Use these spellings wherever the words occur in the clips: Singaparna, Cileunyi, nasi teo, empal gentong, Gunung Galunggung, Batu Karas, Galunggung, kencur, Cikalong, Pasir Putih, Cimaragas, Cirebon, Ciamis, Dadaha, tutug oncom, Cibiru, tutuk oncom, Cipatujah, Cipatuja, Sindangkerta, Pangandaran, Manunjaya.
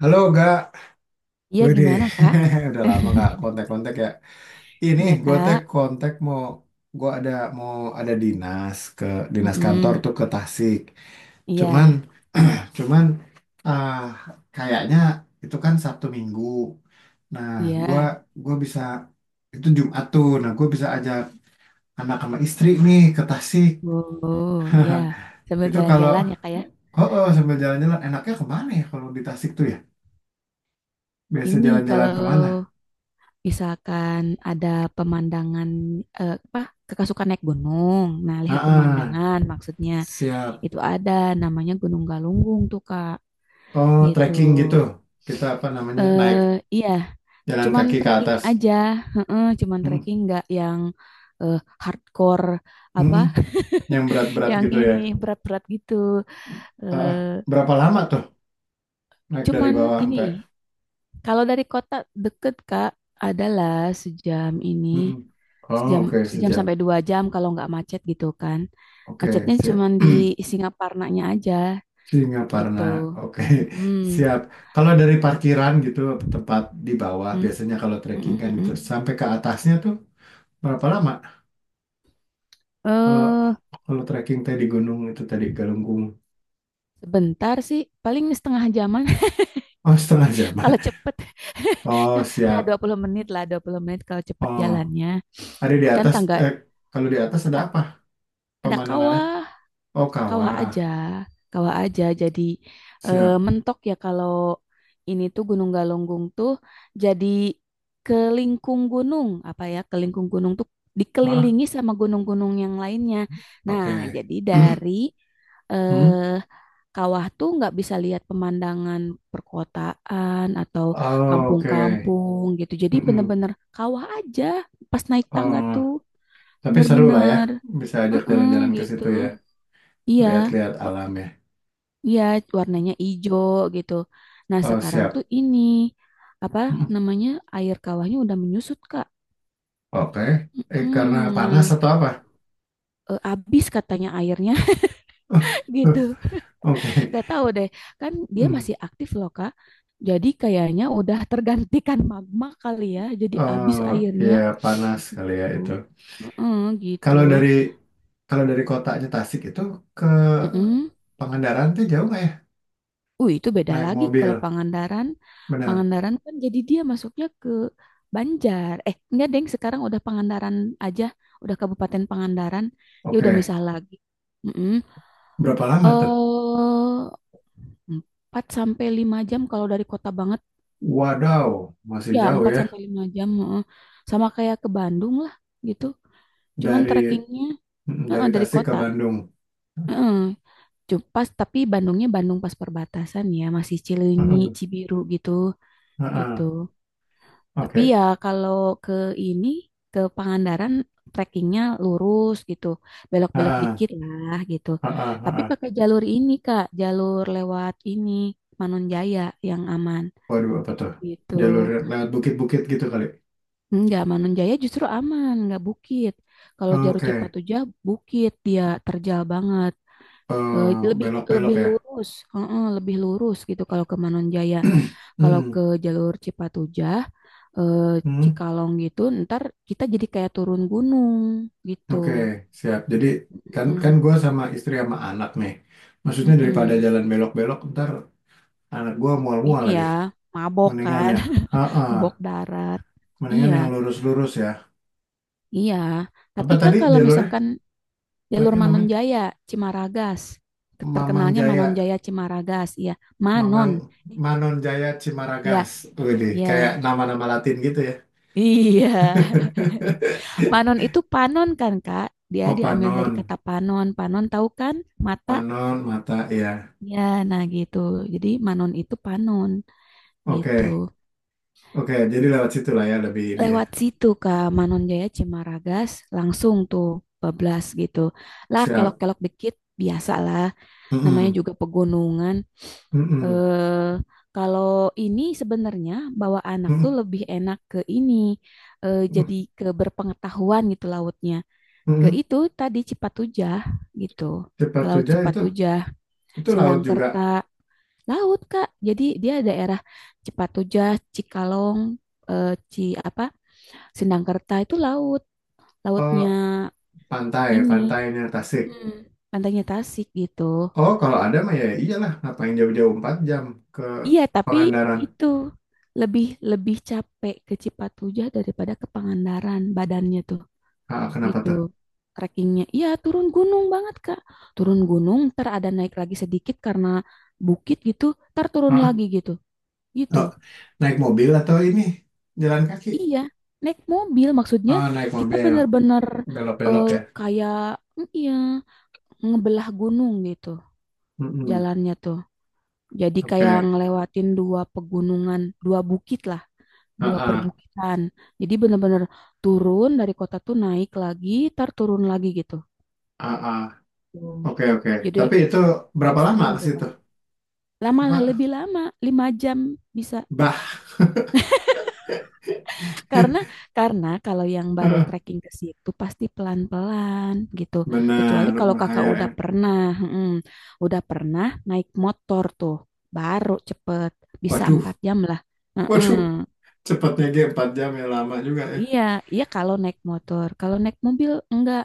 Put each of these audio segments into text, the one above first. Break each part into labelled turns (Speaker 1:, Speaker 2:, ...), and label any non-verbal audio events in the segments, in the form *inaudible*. Speaker 1: Halo gak,
Speaker 2: Iya
Speaker 1: wede,
Speaker 2: gimana Kak?
Speaker 1: *laughs* udah lama gak
Speaker 2: *laughs*
Speaker 1: kontak-kontak ya. Ini
Speaker 2: Iya
Speaker 1: gue teh
Speaker 2: Kak.
Speaker 1: kontak mau, gue ada mau ada dinas ke dinas kantor
Speaker 2: Mm-mm.
Speaker 1: tuh ke Tasik.
Speaker 2: Iya,
Speaker 1: Cuman, *clears throat* cuman ah kayaknya itu kan Sabtu Minggu. Nah, gue
Speaker 2: iya.
Speaker 1: gue bisa itu Jumat tuh. Nah, gue bisa ajak anak sama istri nih ke Tasik.
Speaker 2: Oh, iya.
Speaker 1: *laughs*
Speaker 2: Sambil
Speaker 1: Itu kalau
Speaker 2: jalan-jalan ya Kak ya.
Speaker 1: oh, oh sambil jalan-jalan enaknya kemana ya kalau di Tasik tuh ya? Biasa
Speaker 2: Ini
Speaker 1: jalan-jalan kemana?
Speaker 2: kalau misalkan ada pemandangan apa? Kakak suka naik gunung. Nah, lihat
Speaker 1: Heeh.
Speaker 2: pemandangan maksudnya.
Speaker 1: Siap.
Speaker 2: Itu ada namanya Gunung Galunggung tuh Kak.
Speaker 1: Oh,
Speaker 2: Gitu.
Speaker 1: trekking gitu. Kita apa namanya?
Speaker 2: eh
Speaker 1: Naik
Speaker 2: iya,
Speaker 1: jalan
Speaker 2: cuman
Speaker 1: kaki ke
Speaker 2: trekking
Speaker 1: atas.
Speaker 2: aja. Heeh, cuman
Speaker 1: Mm,
Speaker 2: trekking nggak yang eh, hardcore
Speaker 1: mm,
Speaker 2: apa
Speaker 1: mm. Yang berat-berat
Speaker 2: yang
Speaker 1: gitu
Speaker 2: ini
Speaker 1: ya.
Speaker 2: berat-berat gitu.
Speaker 1: Ah, ah.
Speaker 2: Eh,
Speaker 1: Berapa lama tuh naik dari
Speaker 2: cuman
Speaker 1: bawah
Speaker 2: ini
Speaker 1: sampai?
Speaker 2: kalau dari kota deket Kak adalah sejam
Speaker 1: Mm,
Speaker 2: ini
Speaker 1: mm. Oh,
Speaker 2: sejam
Speaker 1: oke,
Speaker 2: sejam sampai
Speaker 1: sejam.
Speaker 2: 2 jam kalau nggak macet gitu kan.
Speaker 1: Oke,
Speaker 2: Macetnya
Speaker 1: siap.
Speaker 2: cuman di
Speaker 1: *clears throat*
Speaker 2: Singaparnanya aja
Speaker 1: Singaparna.
Speaker 2: gitu.
Speaker 1: Oke, *laughs*
Speaker 2: Mm-mm,
Speaker 1: siap. Kalau dari parkiran gitu tempat di bawah
Speaker 2: mm,
Speaker 1: biasanya kalau trekking
Speaker 2: mm-mm,
Speaker 1: kan
Speaker 2: mm
Speaker 1: gitu
Speaker 2: mm.
Speaker 1: sampai ke atasnya tuh berapa lama? Kalau
Speaker 2: Eh,
Speaker 1: kalau trekking tadi di gunung itu tadi Galunggung.
Speaker 2: sebentar sih paling setengah jaman.
Speaker 1: Oh, setengah jam.
Speaker 2: *laughs* Kalau
Speaker 1: *laughs*
Speaker 2: cepet *laughs*
Speaker 1: Oh,
Speaker 2: nggak dua
Speaker 1: siap.
Speaker 2: puluh menit lah, 20 menit kalau cepet
Speaker 1: Oh,
Speaker 2: jalannya.
Speaker 1: ada di
Speaker 2: Kan
Speaker 1: atas,
Speaker 2: tangga
Speaker 1: eh, kalau di atas ada
Speaker 2: ta-
Speaker 1: apa
Speaker 2: ada
Speaker 1: pemandangannya?
Speaker 2: kawah.
Speaker 1: Oh,
Speaker 2: Kawah
Speaker 1: kawah.
Speaker 2: aja, kawah aja. Jadi
Speaker 1: Siap.
Speaker 2: mentok ya kalau ini tuh Gunung Galunggung tuh jadi kelingkung gunung apa ya? Kelingkung gunung tuh
Speaker 1: Ah,
Speaker 2: dikelilingi sama gunung-gunung yang lainnya. Nah,
Speaker 1: oke.
Speaker 2: jadi
Speaker 1: *clears throat*
Speaker 2: dari
Speaker 1: Hmm?
Speaker 2: eh, kawah tuh nggak bisa lihat pemandangan perkotaan atau
Speaker 1: Oh, oke.
Speaker 2: kampung-kampung gitu. Jadi
Speaker 1: Mm-mm.
Speaker 2: bener-bener kawah aja pas naik tangga
Speaker 1: Oh,
Speaker 2: tuh
Speaker 1: tapi seru lah ya.
Speaker 2: bener-bener,
Speaker 1: Bisa ajak
Speaker 2: eh, eh,
Speaker 1: jalan-jalan ke
Speaker 2: gitu.
Speaker 1: situ ya.
Speaker 2: Iya.
Speaker 1: Lihat-lihat alam ya.
Speaker 2: Iya, warnanya hijau gitu. Nah,
Speaker 1: Oh,
Speaker 2: sekarang tuh
Speaker 1: siap.
Speaker 2: ini apa
Speaker 1: Mm.
Speaker 2: namanya air kawahnya udah menyusut, Kak.
Speaker 1: Oke. Eh, karena panas
Speaker 2: Nah,
Speaker 1: atau apa?
Speaker 2: habis katanya airnya. *laughs* Gitu.
Speaker 1: *laughs* Oke.
Speaker 2: Gak tahu deh. Kan dia
Speaker 1: Hmm.
Speaker 2: masih aktif loh, Kak. Jadi kayaknya udah tergantikan magma kali ya. Jadi habis
Speaker 1: Oh, ya
Speaker 2: airnya
Speaker 1: panas kali ya itu.
Speaker 2: gitu. mm Gitu.
Speaker 1: Kalau dari kalau dari kotanya Tasik itu ke
Speaker 2: Mm-mm.
Speaker 1: Pangandaran tuh jauh nggak ya?
Speaker 2: Itu beda
Speaker 1: Naik
Speaker 2: lagi kalau
Speaker 1: mobil.
Speaker 2: Pangandaran.
Speaker 1: Benar.
Speaker 2: Pangandaran kan jadi dia masuknya ke Banjar. Eh, enggak, Deng. Sekarang udah Pangandaran aja. Udah Kabupaten Pangandaran. Dia udah
Speaker 1: Oke,
Speaker 2: misah lagi. Mm-mm.
Speaker 1: berapa lama tuh?
Speaker 2: Eh, 4 sampai 5 jam kalau dari kota banget.
Speaker 1: Wadaw, masih
Speaker 2: Ya,
Speaker 1: jauh
Speaker 2: 4
Speaker 1: ya
Speaker 2: sampai 5 jam. Heeh. Sama kayak ke Bandung lah gitu. Cuman
Speaker 1: dari
Speaker 2: trekkingnya
Speaker 1: dari
Speaker 2: heeh, dari
Speaker 1: Tasik ke
Speaker 2: kota.
Speaker 1: Bandung.
Speaker 2: Heeh. Pas, tapi Bandungnya Bandung pas perbatasan ya. Masih Cileunyi,
Speaker 1: Mm-mm.
Speaker 2: Cibiru gitu. Gitu.
Speaker 1: Ah-ah.
Speaker 2: Tapi
Speaker 1: Oke.
Speaker 2: ya kalau ke ini ke Pangandaran trekkingnya lurus gitu, belok-belok
Speaker 1: Ah-ah.
Speaker 2: dikit lah gitu.
Speaker 1: Ah-ah.
Speaker 2: Tapi
Speaker 1: Ah-ah.
Speaker 2: pakai jalur ini Kak, jalur lewat ini Manunjaya yang aman
Speaker 1: Waduh, apa tuh? Jalur
Speaker 2: gitu.
Speaker 1: lewat bukit-bukit gitu kali.
Speaker 2: Enggak, Manunjaya justru aman, nggak bukit. Kalau jalur
Speaker 1: Oke,
Speaker 2: Cipatujah bukit dia terjal banget.
Speaker 1: eh,
Speaker 2: Eh, lebih
Speaker 1: belok-belok
Speaker 2: lebih
Speaker 1: ya.
Speaker 2: lurus. Heeh, lebih lurus gitu kalau ke Manunjaya.
Speaker 1: *clears throat*
Speaker 2: Kalau
Speaker 1: Mm-mm.
Speaker 2: ke jalur Cipatujah, eh,
Speaker 1: Mm.
Speaker 2: Cikalong gitu, ntar kita jadi kayak turun gunung gitu.
Speaker 1: Oke, siap. Jadi kan kan
Speaker 2: Mm,
Speaker 1: gue sama istri sama anak nih. Maksudnya daripada
Speaker 2: mm-mm.
Speaker 1: jalan belok-belok, ntar anak gue mual-mual
Speaker 2: Ini ya,
Speaker 1: lagi.
Speaker 2: mabok
Speaker 1: Mendingan
Speaker 2: kan.
Speaker 1: ya.
Speaker 2: *laughs*
Speaker 1: Ah-ah.
Speaker 2: Mabok darat. Iya,
Speaker 1: Mendingan yang lurus-lurus ya.
Speaker 2: iya.
Speaker 1: Apa
Speaker 2: Tapi Kak
Speaker 1: tadi
Speaker 2: kalau
Speaker 1: jalur
Speaker 2: misalkan jalur
Speaker 1: Treknya namanya
Speaker 2: Manonjaya, Cimaragas,
Speaker 1: Mamang
Speaker 2: terkenalnya
Speaker 1: Jaya,
Speaker 2: Manonjaya Cimaragas, iya.
Speaker 1: Mamang
Speaker 2: Manon,
Speaker 1: Manon Jaya
Speaker 2: ya,
Speaker 1: Cimaragas. Wih, kayak
Speaker 2: ya.
Speaker 1: nama-nama Latin gitu ya.
Speaker 2: Iya. *laughs*
Speaker 1: *laughs*
Speaker 2: Manon itu panon kan, Kak? Dia
Speaker 1: Oh,
Speaker 2: diambil dari
Speaker 1: Panon,
Speaker 2: kata panon. Panon tahu kan? Mata.
Speaker 1: Panon mata ya.
Speaker 2: Ya, nah gitu. Jadi Manon itu Panon
Speaker 1: Oke,
Speaker 2: gitu.
Speaker 1: oke. Jadi lewat situ lah ya lebih ini ya.
Speaker 2: Lewat situ Kak Manon Jaya Cimaragas langsung tuh bablas gitu. Lah
Speaker 1: Siap.
Speaker 2: kelok-kelok dikit biasalah namanya
Speaker 1: Mm-mm.
Speaker 2: juga pegunungan.
Speaker 1: Mm-mm.
Speaker 2: Eh, kalau ini sebenarnya bawa anak tuh
Speaker 1: Mm-mm.
Speaker 2: lebih enak ke ini, eh, jadi ke berpengetahuan gitu lautnya. Ke
Speaker 1: Mm-mm.
Speaker 2: itu tadi Cipatujah gitu. Ke Laut
Speaker 1: Cipatuja
Speaker 2: Cipatujah.
Speaker 1: itu laut juga.
Speaker 2: Sindangkerta laut Kak. Jadi dia daerah Cipatujah, Cikalong, eh, Ci apa? Sindangkerta itu laut,
Speaker 1: Oh,
Speaker 2: lautnya ini,
Speaker 1: pantainya Tasik.
Speaker 2: mm, pantainya Tasik gitu.
Speaker 1: Oh, kalau ada mah ya iyalah. Ngapain jauh-jauh 4 jam ke
Speaker 2: Iya, tapi
Speaker 1: Pangandaran.
Speaker 2: itu lebih lebih capek ke Cipatujah daripada ke Pangandaran badannya tuh
Speaker 1: Ah, kenapa
Speaker 2: gitu.
Speaker 1: tuh?
Speaker 2: Trekkingnya, iya turun gunung banget Kak. Turun gunung, ntar ada naik lagi sedikit karena bukit gitu, ntar turun
Speaker 1: Ah,
Speaker 2: lagi gitu, gitu.
Speaker 1: ah. Naik mobil atau ini jalan kaki?
Speaker 2: Iya, naik mobil maksudnya
Speaker 1: Oh, naik
Speaker 2: kita
Speaker 1: mobil.
Speaker 2: benar-benar,
Speaker 1: Belok-belok
Speaker 2: eh,
Speaker 1: ya.
Speaker 2: kayak iya ngebelah gunung gitu
Speaker 1: Mm-mm.
Speaker 2: jalannya tuh. Jadi kayak
Speaker 1: Oke.
Speaker 2: ngelewatin dua pegunungan, dua bukit lah,
Speaker 1: Ah,
Speaker 2: dua
Speaker 1: ah,
Speaker 2: perbukitan. Jadi benar-benar turun dari kota tuh naik lagi, tar turun lagi gitu.
Speaker 1: ah, ah.
Speaker 2: Hmm.
Speaker 1: Oke, oke.
Speaker 2: Jadi
Speaker 1: Tapi itu berapa lama
Speaker 2: ekstrim
Speaker 1: ke situ?
Speaker 2: pokoknya. Lama lah
Speaker 1: Apa?
Speaker 2: lebih lama, 5 jam bisa.
Speaker 1: Bah.
Speaker 2: Karena karena kalau yang baru
Speaker 1: *laughs*
Speaker 2: trekking ke situ pasti pelan-pelan gitu. Kecuali
Speaker 1: Benar,
Speaker 2: kalau kakak
Speaker 1: bahaya
Speaker 2: udah
Speaker 1: ya.
Speaker 2: pernah, mm, udah pernah naik motor tuh, baru cepet bisa
Speaker 1: Waduh,
Speaker 2: 4 jam lah. Mm-mm.
Speaker 1: waduh. Cepatnya G 4 jam ya lama juga ya.
Speaker 2: Iya, iya kalau naik motor, kalau naik mobil enggak.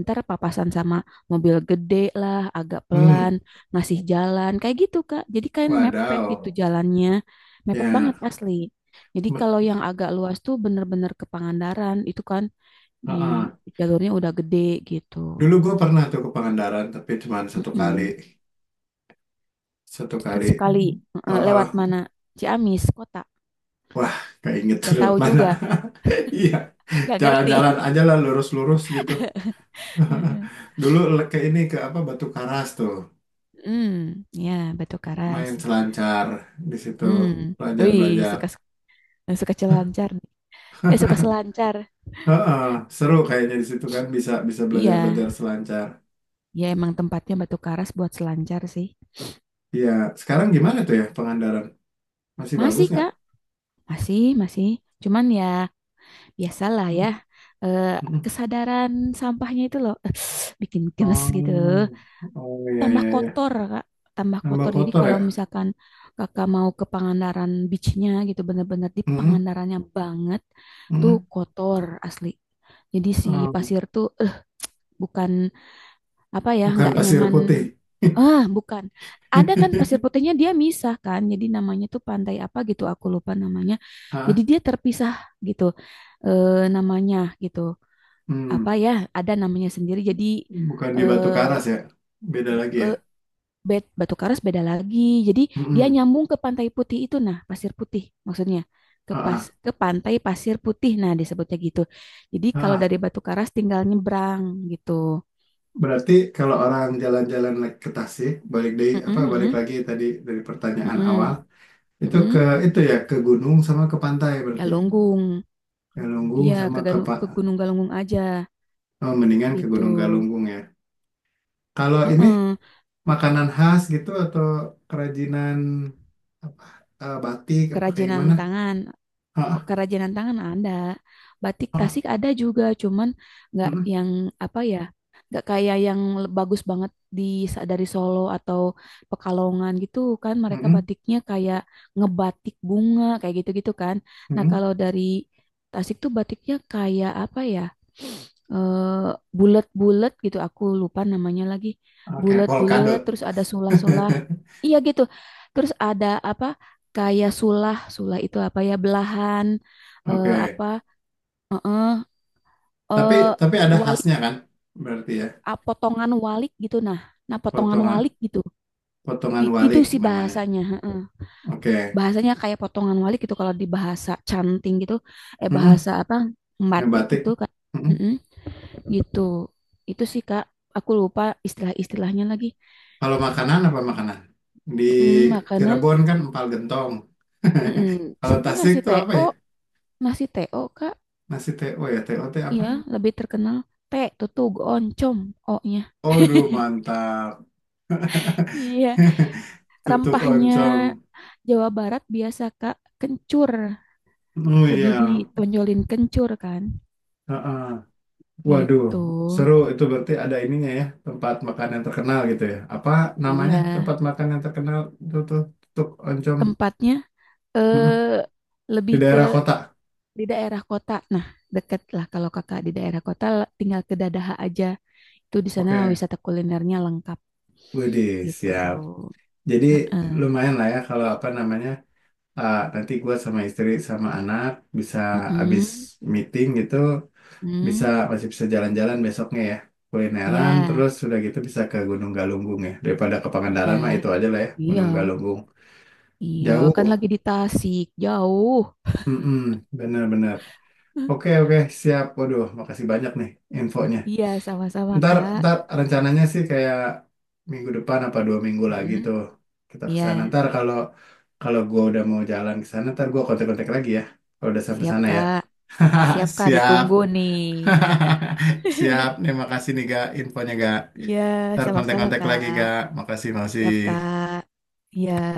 Speaker 2: Ntar papasan sama mobil gede lah, agak pelan,
Speaker 1: Hmm,
Speaker 2: ngasih jalan kayak gitu Kak. Jadi kayak mepet gitu
Speaker 1: wadaw.
Speaker 2: jalannya, mepet banget
Speaker 1: Ya,
Speaker 2: asli. Jadi kalau
Speaker 1: bet-
Speaker 2: yang agak luas tuh bener-bener ke Pangandaran, itu kan
Speaker 1: ah,
Speaker 2: ya,
Speaker 1: ah.
Speaker 2: jalurnya udah gede gitu.
Speaker 1: Dulu gue pernah tuh ke Pangandaran, tapi cuma 1 kali.
Speaker 2: Mm-mm.
Speaker 1: Satu
Speaker 2: Terus
Speaker 1: kali.
Speaker 2: sekali, eh,
Speaker 1: Heeh,
Speaker 2: lewat mana? Ciamis kota.
Speaker 1: wah, keinget tuh
Speaker 2: Gak
Speaker 1: lewat
Speaker 2: tahu
Speaker 1: mana.
Speaker 2: juga,
Speaker 1: *laughs* Iya,
Speaker 2: gak ngerti.
Speaker 1: jalan-jalan aja lah lurus-lurus gitu.
Speaker 2: *laughs* Mm-mm.
Speaker 1: *laughs* Dulu ke ini ke apa Batu Karas tuh,
Speaker 2: Hmm, ya Batu Karas.
Speaker 1: main selancar di situ,
Speaker 2: Hmm, wih suka
Speaker 1: belajar-belajar.
Speaker 2: suka selancar nih. Ya suka selancar.
Speaker 1: Heeh, seru kayaknya di situ kan bisa bisa
Speaker 2: Iya,
Speaker 1: belajar-belajar selancar.
Speaker 2: ya emang tempatnya Batu Karas buat selancar sih.
Speaker 1: Iya, sekarang gimana tuh ya Pangandaran? Masih bagus
Speaker 2: Masih
Speaker 1: nggak?
Speaker 2: Kak, masih masih. Cuman ya biasalah ya,
Speaker 1: *clears throat*
Speaker 2: eh,
Speaker 1: Mm-mm.
Speaker 2: kesadaran sampahnya itu loh *sighs* bikin gemes gitu.
Speaker 1: Oh, oh iya
Speaker 2: Tambah
Speaker 1: iya iya.
Speaker 2: kotor kak, tambah
Speaker 1: Nambah
Speaker 2: kotor. Jadi
Speaker 1: kotor
Speaker 2: kalau
Speaker 1: ya?
Speaker 2: misalkan kakak mau ke Pangandaran beachnya gitu bener-bener di
Speaker 1: Mm-mm,
Speaker 2: Pangandarannya banget tuh kotor asli. Jadi si
Speaker 1: oh,
Speaker 2: pasir tuh, eh, bukan apa ya
Speaker 1: bukan
Speaker 2: nggak
Speaker 1: pasir
Speaker 2: nyaman.
Speaker 1: putih.
Speaker 2: Ah, bukan. Ada kan
Speaker 1: *laughs*
Speaker 2: pasir putihnya dia misah kan jadi namanya tuh pantai apa gitu aku lupa namanya. Jadi
Speaker 1: Hah?
Speaker 2: dia terpisah gitu, eh, namanya gitu
Speaker 1: Hmm.
Speaker 2: apa ya, ada namanya sendiri. Jadi,
Speaker 1: Bukan di Batu
Speaker 2: eh,
Speaker 1: Karas ya, beda
Speaker 2: bu-
Speaker 1: lagi ya.
Speaker 2: eh, bet Batu Karas beda lagi. Jadi dia
Speaker 1: Mm-mm.
Speaker 2: nyambung ke Pantai Putih itu nah, Pasir Putih maksudnya. Ke
Speaker 1: Ah,
Speaker 2: pas
Speaker 1: ah,
Speaker 2: ke Pantai Pasir Putih nah disebutnya gitu. Jadi kalau
Speaker 1: ah, ah.
Speaker 2: dari Batu Karas tinggal nyebrang gitu.
Speaker 1: Berarti kalau orang jalan-jalan naik ke Tasik, balik dari
Speaker 2: Mm-mm,
Speaker 1: apa balik
Speaker 2: mm-mm,
Speaker 1: lagi tadi dari pertanyaan awal,
Speaker 2: mm-mm,
Speaker 1: itu ke
Speaker 2: mm-mm.
Speaker 1: itu ya ke gunung sama ke pantai berarti.
Speaker 2: Galunggung.
Speaker 1: Galunggung
Speaker 2: Iya,
Speaker 1: sama
Speaker 2: ke,
Speaker 1: ke Pak
Speaker 2: Ke Gunung Galunggung aja
Speaker 1: oh, mendingan ke
Speaker 2: gitu.
Speaker 1: Gunung Galunggung ya. Kalau ini
Speaker 2: Mm-mm.
Speaker 1: makanan khas gitu atau kerajinan apa batik apa kayak
Speaker 2: Kerajinan
Speaker 1: gimana?
Speaker 2: tangan.
Speaker 1: Ah,
Speaker 2: Oh,
Speaker 1: ah,
Speaker 2: kerajinan tangan ada, batik
Speaker 1: ah,
Speaker 2: Tasik
Speaker 1: ah.
Speaker 2: ada juga, cuman nggak
Speaker 1: Mm-mm,
Speaker 2: yang apa ya, nggak kayak yang bagus banget di dari Solo atau Pekalongan gitu kan, mereka
Speaker 1: mm-mm,
Speaker 2: batiknya kayak ngebatik bunga kayak gitu-gitu kan. Nah
Speaker 1: mm-mm.
Speaker 2: kalau dari Tasik tuh batiknya kayak apa ya, eh, bulat-bulat gitu, aku lupa namanya lagi,
Speaker 1: Oke,
Speaker 2: bulat-bulat,
Speaker 1: polkadot.
Speaker 2: terus ada sulah-sulah, iya gitu, terus ada apa? Kayak sulah, sulah itu apa ya belahan,
Speaker 1: *laughs*
Speaker 2: eh,
Speaker 1: Oke.
Speaker 2: apa, eh,
Speaker 1: Tapi
Speaker 2: eh,
Speaker 1: tapi ada
Speaker 2: walik.
Speaker 1: khasnya kan? Berarti ya
Speaker 2: Ah, potongan walik gitu nah. Nah, potongan
Speaker 1: potongan
Speaker 2: walik gitu.
Speaker 1: potongan
Speaker 2: Gitu
Speaker 1: walik
Speaker 2: sih
Speaker 1: namanya.
Speaker 2: bahasanya, heeh.
Speaker 1: Oke.
Speaker 2: Bahasanya kayak potongan walik gitu kalau di bahasa canting gitu, eh
Speaker 1: Mm-mm,
Speaker 2: bahasa apa? Batik
Speaker 1: ngebatik.
Speaker 2: gitu kan.
Speaker 1: Mm-mm.
Speaker 2: Heeh, gitu. Itu sih Kak, aku lupa istilah-istilahnya lagi.
Speaker 1: Kalau makanan apa makanan? Di
Speaker 2: Mm-mm, makanan.
Speaker 1: Cirebon kan empal gentong.
Speaker 2: Mm-mm.
Speaker 1: *laughs* Kalau
Speaker 2: Sini
Speaker 1: Tasik tuh apa ya?
Speaker 2: nasi teo Kak.
Speaker 1: Nasi TO ya, TOT
Speaker 2: Iya,
Speaker 1: apa?
Speaker 2: lebih terkenal. T, tutug, oncom, O-nya.
Speaker 1: Aduh, mantap.
Speaker 2: Iya,
Speaker 1: *laughs* Tutuk
Speaker 2: rempahnya
Speaker 1: oncom.
Speaker 2: Jawa Barat biasa Kak kencur,
Speaker 1: Oh
Speaker 2: lebih
Speaker 1: iya.
Speaker 2: ditonjolin kencur kan,
Speaker 1: Heeh. Waduh,
Speaker 2: gitu.
Speaker 1: seru itu berarti ada ininya ya, tempat makan yang terkenal gitu ya. Apa
Speaker 2: Iya,
Speaker 1: namanya tempat makan yang terkenal itu tuh tutuk oncom?
Speaker 2: tempatnya
Speaker 1: Mm-mm.
Speaker 2: eh
Speaker 1: Di
Speaker 2: lebih
Speaker 1: daerah
Speaker 2: ke
Speaker 1: kota.
Speaker 2: di daerah kota. Nah, deket lah kalau Kakak di daerah kota, tinggal ke Dadaha aja. Itu di sana
Speaker 1: Oke,
Speaker 2: wisata kulinernya lengkap
Speaker 1: wede,
Speaker 2: gitu.
Speaker 1: siap. Jadi
Speaker 2: Heeh.
Speaker 1: lumayan lah ya kalau apa namanya nanti gua sama istri sama anak bisa abis
Speaker 2: Mm-mm.
Speaker 1: meeting gitu bisa
Speaker 2: Mm.
Speaker 1: masih bisa jalan-jalan besoknya ya kulineran
Speaker 2: Ya,
Speaker 1: terus sudah gitu bisa ke Gunung Galunggung ya daripada ke Pangandaran
Speaker 2: iya,
Speaker 1: mah itu aja lah ya
Speaker 2: iya,
Speaker 1: Gunung Galunggung
Speaker 2: iya. Kan
Speaker 1: jauh.
Speaker 2: lagi di Tasik, jauh.
Speaker 1: Mm-mm, bener-bener.
Speaker 2: *laughs*
Speaker 1: Oke, oke, siap. Waduh, makasih banyak nih infonya.
Speaker 2: Iya, sama-sama,
Speaker 1: Ntar,
Speaker 2: Kak.
Speaker 1: ntar rencananya sih kayak minggu depan apa 2 minggu lagi
Speaker 2: Mm-mm.
Speaker 1: tuh kita ke
Speaker 2: Iya,
Speaker 1: sana. Ntar kalau kalau gue udah mau jalan ke sana, ntar gue kontak-kontak lagi ya. Kalau udah sampai
Speaker 2: siap
Speaker 1: sana ya.
Speaker 2: Kak. Siap
Speaker 1: *laughs*
Speaker 2: Kak,
Speaker 1: Siap.
Speaker 2: ditunggu nih.
Speaker 1: *laughs* Siap.
Speaker 2: *laughs*
Speaker 1: Nih, makasih nih, Ga. Infonya, Ga.
Speaker 2: Iya,
Speaker 1: Ntar
Speaker 2: sama-sama
Speaker 1: kontak-kontak lagi, Ga.
Speaker 2: Kak.
Speaker 1: Makasih,
Speaker 2: Siap
Speaker 1: makasih.
Speaker 2: Kak. Iya.